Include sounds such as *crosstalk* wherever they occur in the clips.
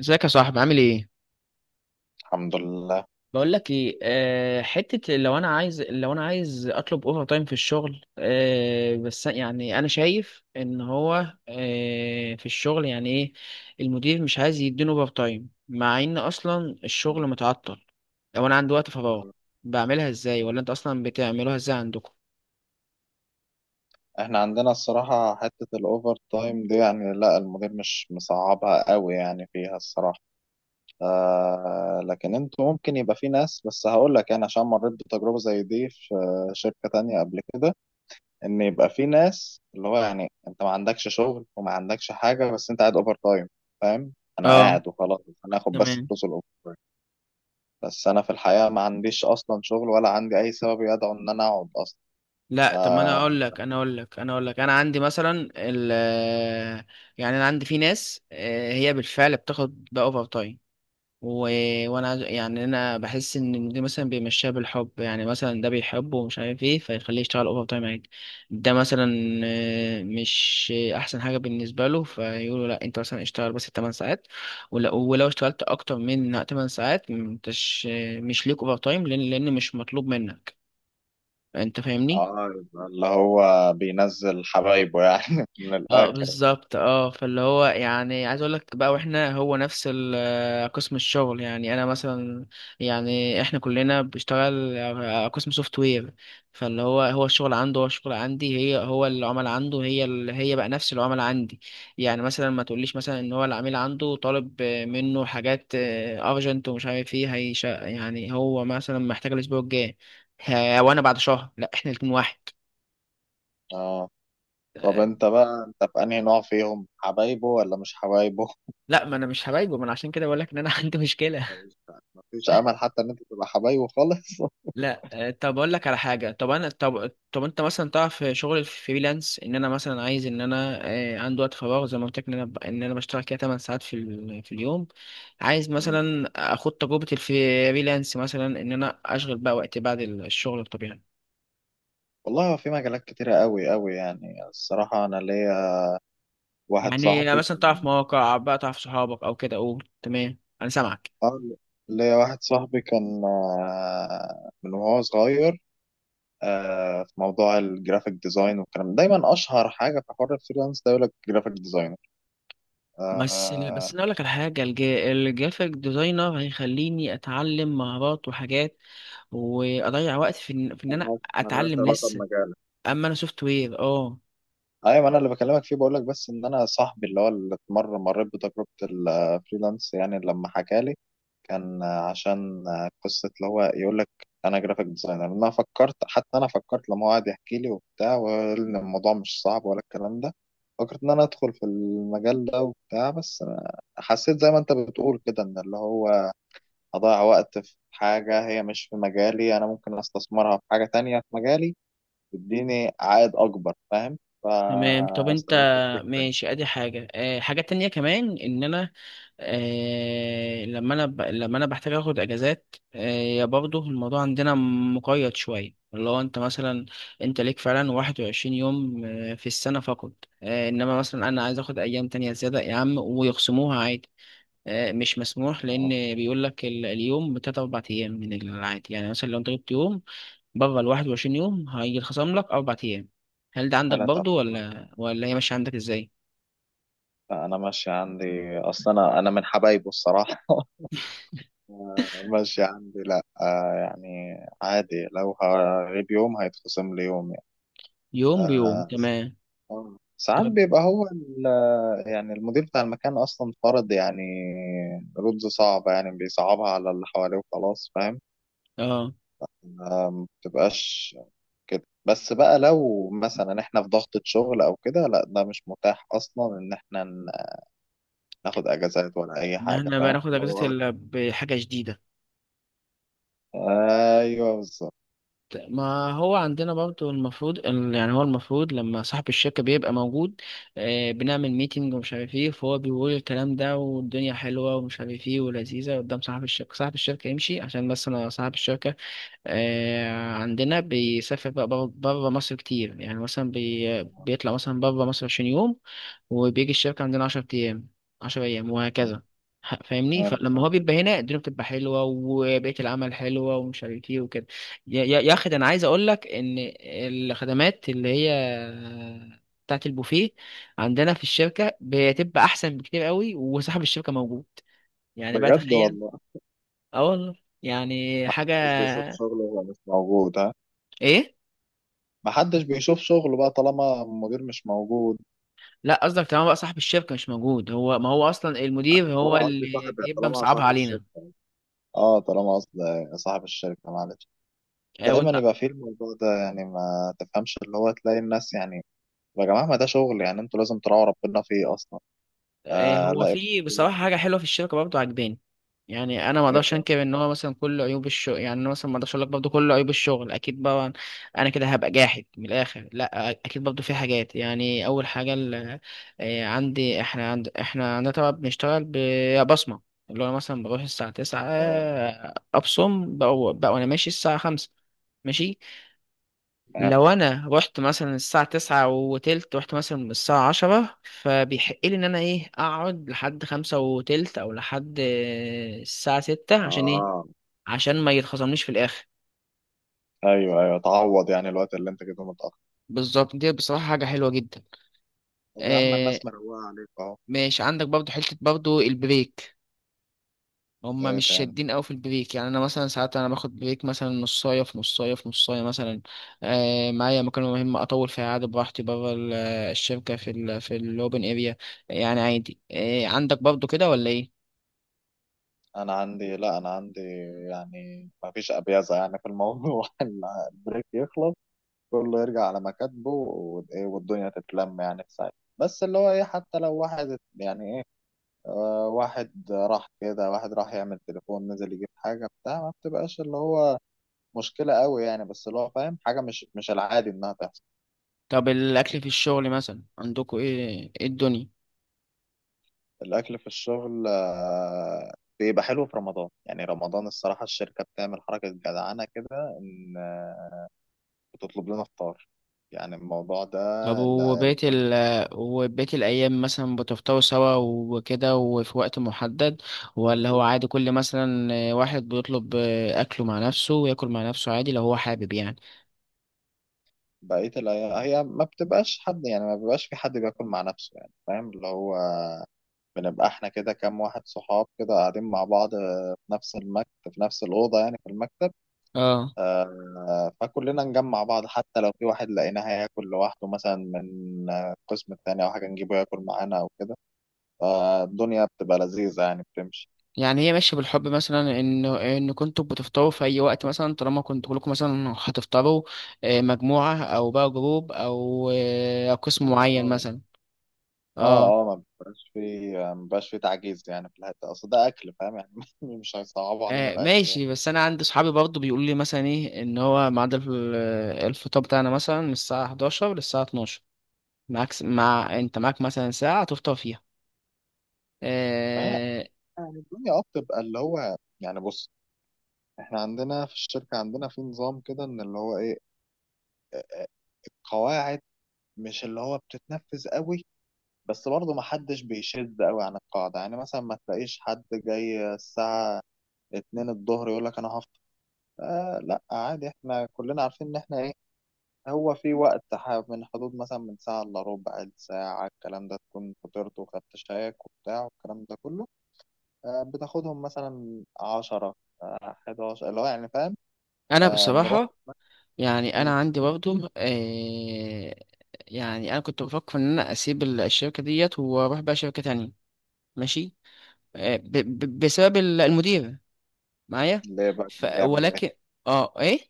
ازيك يا صاحبي؟ عامل ايه؟ الحمد لله. بقول لك ايه، حته لو انا عايز لو انا عايز اطلب اوفر تايم في الشغل. بس يعني انا شايف ان هو في الشغل يعني ايه، المدير مش عايز يديني اوفر تايم مع ان اصلا الشغل متعطل. لو انا عندي وقت فراغ، بعملها ازاي؟ ولا انت اصلا بتعملوها ازاي عندكم؟ احنا عندنا الصراحة حتة الأوفر تايم دي يعني لا، المدير مش مصعبها قوي يعني فيها الصراحة. آه لكن انتوا ممكن يبقى في ناس، بس هقول لك انا عشان مريت بتجربة زي دي في شركة تانية قبل كده، ان يبقى في ناس اللي هو يعني انت ما عندكش شغل وما عندكش حاجة بس انت قاعد اوفر تايم، فاهم؟ انا اه. قاعد وخلاص، انا اخد بس تمام. فلوس الاوفر تايم، بس انا في الحقيقة ما عنديش اصلا شغل ولا عندي اي سبب يدعو ان انا اقعد اصلا. لا، طب ما آه، انا اقول لك انا عندي مثلا ال- يعني انا عندي في ناس، هي بالفعل بتاخد بقى اوفر تايم. و... يعني انا بحس ان دي مثلا بيمشيها بالحب، يعني مثلا ده بيحبه ومش عارف ايه فيخليه يشتغل اوفر تايم عادي. ده مثلا مش احسن حاجه بالنسبه له، فيقولوا لا انت مثلا اشتغل بس 8 ساعات. ولو اشتغلت اكتر من 8 ساعات مش ليك اوفر تايم، لان مش مطلوب منك. انت فاهمني؟ اه يبقى اللي هو بينزل حبايبه يعني *laughs* من اه الاخر. بالظبط. اه فاللي هو يعني عايز اقول لك بقى، واحنا هو نفس قسم الشغل، يعني انا مثلا يعني احنا كلنا بنشتغل قسم سوفت وير. فاللي هو، هو الشغل عنده، هو الشغل عندي، هي هو العمل عنده، هي بقى نفس العمل عندي. يعني مثلا ما تقوليش مثلا ان هو العميل عنده طالب منه حاجات ارجنت ومش عارف ايه هيش، يعني هو مثلا محتاج الاسبوع الجاي. وانا بعد شهر. لا، احنا الاتنين واحد. اه طب آه. انت بقى، انت في انهي نوع فيهم؟ حبايبه ولا مش حبايبه؟ لا، ما انا مش هبايجه، ما انا عشان كده بقول لك ان انا *laughs* عندي مشكلة. مفيش مفيش امل حتى ان انت تبقى حبايبه خالص؟ *laughs* لا. طب اقول لك على حاجه. طب انا طب طب انت مثلا تعرف شغل الفريلانس؟ ان انا مثلا عايز ان انا عندي وقت فراغ زي ما قلت لك، ان ان انا بشتغل كده 8 ساعات في في اليوم. عايز مم. مثلا اخد تجربه الفريلانس، مثلا ان انا اشغل بقى وقتي بعد الشغل الطبيعي. والله هو في مجالات كتيرة قوي يعني الصراحة. انا ليا واحد يعني صاحبي مثلا تعرف كان مواقع بقى؟ تعرف صحابك او كده؟ قول تمام، انا سامعك. اه ليا واحد صاحبي كان آه، من وهو صغير آه، في موضوع الجرافيك ديزاين والكلام ده. دايما اشهر حاجة في حوار الفريلانس ده يقول لك جرافيك بس ديزاينر. انا اقول لك على حاجه، الجرافيك ديزاينر هيخليني اتعلم مهارات وحاجات واضيع وقت في إن انا ملهاش اتعلم علاقة لسه. بمجالك. اما انا سوفت وير. اه. ايوه ما انا اللي بكلمك فيه، بقول لك بس ان انا صاحبي اللي هو اللي مره مريت بتجربه الفريلانس، يعني لما حكى لي كان عشان قصه اللي هو يقول لك انا جرافيك ديزاينر. انا فكرت لما هو قعد يحكي لي وبتاع، وقال ان الموضوع مش صعب ولا الكلام ده، فكرت ان انا ادخل في المجال ده وبتاع، بس أنا حسيت زي ما انت بتقول كده ان اللي هو اضيع وقت في حاجه هي مش في مجالي، انا ممكن استثمرها في حاجه تانية في مجالي تديني عائد اكبر، فاهم؟ تمام. طب انت فاستبعدت الفكره يعني. ماشي. ادي حاجة، حاجة تانية كمان ان انا اه لما انا بحتاج اخد اجازات. اه يا برضه الموضوع عندنا مقيد شوية، اللي هو انت مثلا انت ليك فعلا 21 يوم في السنة فقط. اه، انما مثلا انا عايز اخد ايام تانية زيادة يا عم، ويخصموها عادي. اه، مش مسموح، اه، لان بيقول لك اليوم بتلات اربع ايام من العادي. يعني مثلا لو انت جبت يوم بره ال 21 يوم هيتخصم لك أربع أيام. هل ده عندك ثلاث او برضو؟ اربع. ولا هي ماشية عندك إزاي؟ فانا ماشي عندي اصلا، انا من حبايبه الصراحه *laughs* ماشي عندي، لا آه يعني عادي، لو هغيب يوم هيتخصم لي يوم يعني. يوم بيوم. آه. تمام. آه. ساعات طب، بيبقى هو ال- يعني المدير بتاع المكان اصلا فرض يعني رولز صعبة، يعني بيصعبها على اللي حواليه وخلاص، فاهم؟ اه آه، ما بتبقاش كده، بس بقى لو مثلا احنا في ضغطة شغل او كده، لا ده مش متاح اصلا ان احنا ن- ناخد اجازات ولا اي إن حاجة، احنا بقى فاهم ناخد اللي أجازة هو. إلا بحاجة جديدة. ايوه بالظبط. ما هو عندنا برضو المفروض يعني هو المفروض لما صاحب الشركة بيبقى موجود، بنعمل ميتنج ومش عارف ايه، فهو بيقول الكلام ده والدنيا حلوة ومش عارف ايه ولذيذة قدام صاحب الشركة. صاحب الشركة يمشي عشان بس أنا صاحب الشركة عندنا بيسافر بقى بره مصر كتير، يعني مثلا بيطلع مثلا بره مصر 20 يوم، وبيجي الشركة عندنا 10 أيام، 10 أيام وهكذا. فاهمني؟ أيوة فلما هو فاهم. بيبقى هنا الدنيا بتبقى حلوة وبيئة العمل حلوة ومش عارف ايه وكده. يا أخي، ده أنا عايز أقول لك إن الخدمات اللي هي بتاعت البوفيه عندنا في الشركة بتبقى أحسن بكتير قوي، وصاحب الشركة موجود. يعني بقى بجد تخيل. والله. اه والله. يعني حاجة. محدش بيشوف شغله وهو مش موجود ها؟ إيه؟ محدش بيشوف شغله بقى طالما المدير مش موجود. لا، قصدك تمام بقى صاحب الشركة مش موجود؟ هو ما هو أصلا المدير هو طالما قصدي اللي صاحب، بيبقى طالما مصعبها صاحب علينا. الشركة، اه طالما قصدي صاحب الشركة، معلش، دايما وأنت. يبقى فيه الموضوع ده يعني، ما تفهمش اللي هو تلاقي الناس يعني يا جماعة ما ده شغل يعني، انتوا لازم تراعوا ربنا فيه اصلا. آه هو لا. في بصراحة واحد. حاجة حلوة في الشركة برضه عجباني. يعني أنا ما ايه أقدرش بقى؟ أنكر إن هو مثلا كل عيوب الشغل، يعني أنا مثلا ما أقدرش أقول لك برضه كل عيوب الشغل أكيد بقى أنا كده هبقى جاحد من الآخر. لا، أكيد برضه في حاجات. يعني أول حاجة ال- عندي إحنا عند إحنا عندنا طبعا بنشتغل ببصمة. اللي هو مثلا بروح الساعة تسعة، اه. أبصم بقى وأنا ماشي الساعة خمسة. ماشي. اه. لو انا رحت مثلا الساعة تسعة وتلت، رحت مثلا من الساعة عشرة، فبيحق لي ان انا ايه، اقعد لحد خمسة وتلت او لحد الساعة ستة، عشان ايه؟ آه. عشان ما يتخصمنيش في الاخر. ايوه ايوه، تعوض يعني الوقت اللي انت كده متأخر. بالظبط، دي بصراحة حاجة حلوة جدا. طب يا عم آه الناس مروقة عليك اهو. ماشي عندك برضو حتة برضو البريك. هما ايه مش تاني؟ شادين قوي في البريك، يعني انا مثلا ساعات انا باخد بريك مثلا نصايه في نصايه في نصايه مثلا، معايا مكالمه مهمه اطول فيها عادي براحتي بره الشركه، في الاوبن اريا. يعني عادي. عندك برضو كده ولا ايه؟ انا عندي لا، انا عندي يعني ما فيش ابيازة يعني في الموضوع *laughs* البريك يخلص كله يرجع على مكاتبه، وايه، والدنيا تتلم يعني في ساعتها. بس اللي هو ايه، حتى لو واحد يعني ايه، آه واحد راح كده، واحد راح يعمل تليفون، نزل يجيب حاجة بتاع، ما بتبقاش اللي هو مشكلة قوي يعني، بس اللي هو فاهم حاجة مش العادي إنها تحصل. طب الاكل في الشغل مثلا عندكوا ايه؟ ايه الدنيا؟ الأكل في الشغل آه، بيبقى حلو في رمضان. يعني رمضان الصراحة الشركة بتعمل حركة جدعانة كده، إن آه، بتطلب لنا فطار يعني، الموضوع ده. طب لا، وبقية الفرق وبقية الأيام مثلا بتفطروا سوا وكده، وفي وقت محدد؟ ولا هو بتاعي. عادي كل مثلا واحد بيطلب أكله مع نفسه وياكل مع نفسه عادي لو هو حابب يعني؟ بقية الأيام هي ما بتبقاش حد يعني، ما بيبقاش في حد بياكل مع نفسه يعني، فاهم اللي هو. بنبقى احنا كده كام واحد صحاب كده قاعدين مع بعض آه، في نفس المكتب، في نفس الأوضة يعني في المكتب. اه، آه، فكلنا نجمع بعض، حتى لو في واحد لقيناه هياكل لوحده مثلا من آه، القسم التاني أو حاجة، نجيبه ياكل معانا أو كده. فالدنيا بتبقى لذيذة يعني، بتمشي. يعني هي ماشية بالحب مثلا، ان كنتوا بتفطروا في اي وقت مثلا طالما كنتوا كلكم مثلا هتفطروا مجموعة او بقى جروب، او آه، أو اه قسم معين اه. مثلا. اه. اه اه ما بيبقاش في تعجيز يعني في الحتة، أصل ده أكل، فاهم يعني؟ *laughs* مش هيصعبوا علينا الأكل يعني. ماشي، بس انا عندي صحابي برضو بيقولوا لي مثلا ايه ان هو ميعاد الفطار بتاعنا مثلا من الساعة 11 للساعة 12. معاك س- مع انت معاك مثلا ساعة تفطر فيها. فهي آه، يعني الدنيا اه بتبقى اللي هو يعني، بص، احنا عندنا في الشركة، عندنا في نظام كده إن اللي هو إيه، القواعد مش اللي هو بتتنفذ قوي، بس برضه محدش بيشد قوي عن القاعدة، يعني مثلا ما تلاقيش حد جاي الساعة اتنين الظهر يقول لك أنا هفطر. آه لا، عادي احنا كلنا عارفين إن احنا إيه، هو في وقت ح- من حدود مثلا من ساعة إلا ربع، الساعة الكلام ده تكون فطرت وخدت شايك وبتاع والكلام ده كله. آه بتاخدهم مثلا عشرة، آه، حداشر اللي هو يعني، فاهم؟ انا آه نروح. بصراحة يعني مم. انا عندي برضه. يعني انا كنت بفكر ان انا اسيب الشركه ديت واروح بقى شركه تانية. ماشي. ب ب بسبب المدير معايا. ليه بقى؟ كان بيعمل إيه؟ ولكن. اه، ايه؟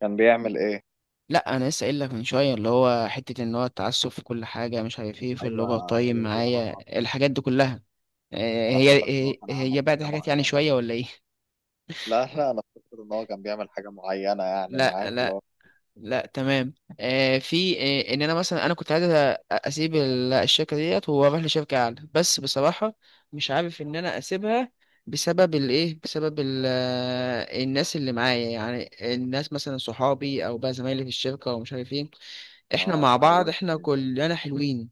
كان بيعمل إيه؟ لا، انا لسه قايل لك من شويه، اللي هو حته ان هو التعسف في كل حاجه مش عارف ايه في ايوه الاوفر تايم هي دي معايا اصعب. الحاجات دي كلها. آه انا هي افتكرت ان هو كان هي عمل بعد حاجه حاجات يعني معينه. شويه ولا ايه؟ لا لا، انا فاكر ان هو كان بيعمل حاجه معينه يعني لا، معاك اللي لا، هو. لا. تمام. في ان انا مثلا كنت عايز اسيب الشركه ديت واروح لشركه اعلى، بس بصراحه مش عارف ان انا اسيبها، بسبب الايه، بسبب ال آه، الناس اللي معايا، يعني الناس مثلا صحابي او بقى زمايلي في الشركه ومش عارف ايه. احنا اه مع بعض، اتعودت. احنا كلنا حلوين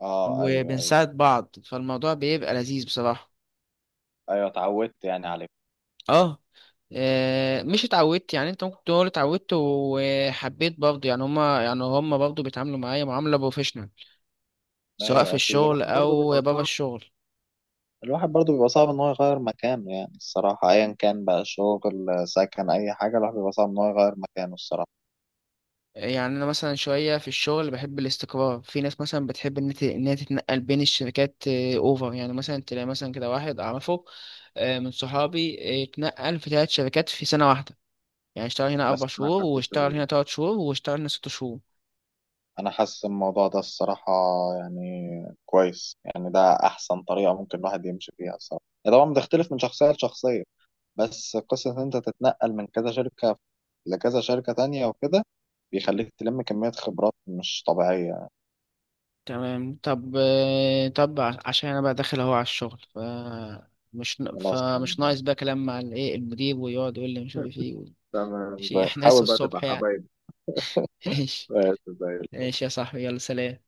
اه ايوه ايوه. وبنساعد بعض، فالموضوع بيبقى لذيذ بصراحه. ايوه اتعودت يعني عليه. اه. مش اتعودت يعني، انت ممكن تقول اتعودت وحبيت برضه، يعني هما برضه بيتعاملوا معايا معاملة بروفيشنال سواء في ايوه اكيد الشغل الواحد برضه او بيبقى بره صعب، الشغل. الواحد برضو بيبقى صعب ان هو يغير مكانه، يعني الصراحه ايا كان بقى شغل، سكن، اي حاجه الواحد بيبقى صعب ان هو يغير مكانه الصراحه. يعني انا مثلا شوية في الشغل بحب الاستقرار، في ناس مثلا بتحب ان هي تتنقل بين الشركات اوفر، يعني مثلا تلاقي مثلا كده واحد اعرفه من صحابي، اتنقل في 3 شركات في سنة واحدة. يعني اشتغل هنا اربع بس انا شهور، حاسس واشتغل ال- هنا تلات شهور، واشتغل هنا ست شهور. انا حاسس الموضوع ده الصراحه يعني كويس، يعني ده احسن طريقه ممكن الواحد يمشي فيها الصراحه، هي طبعا بتختلف من شخصيه لشخصيه، بس قصة إن أنت تتنقل من كذا شركة لكذا شركة تانية وكده بيخليك تلم كمية خبرات مش طبيعية. تمام. طب، عشان انا بقى داخل اهو على الشغل، ف مش ن- خلاص فمش ناقص بقى كلام مع الايه المدير ويقعد يقول لي مش عارف ايه تمام، ماشي، احنا لسه حاول بقى تبقى الصبح يعني. حبايب. *laughs* ايش؟ آه، زي ايش يا صاحبي، يلا سلام.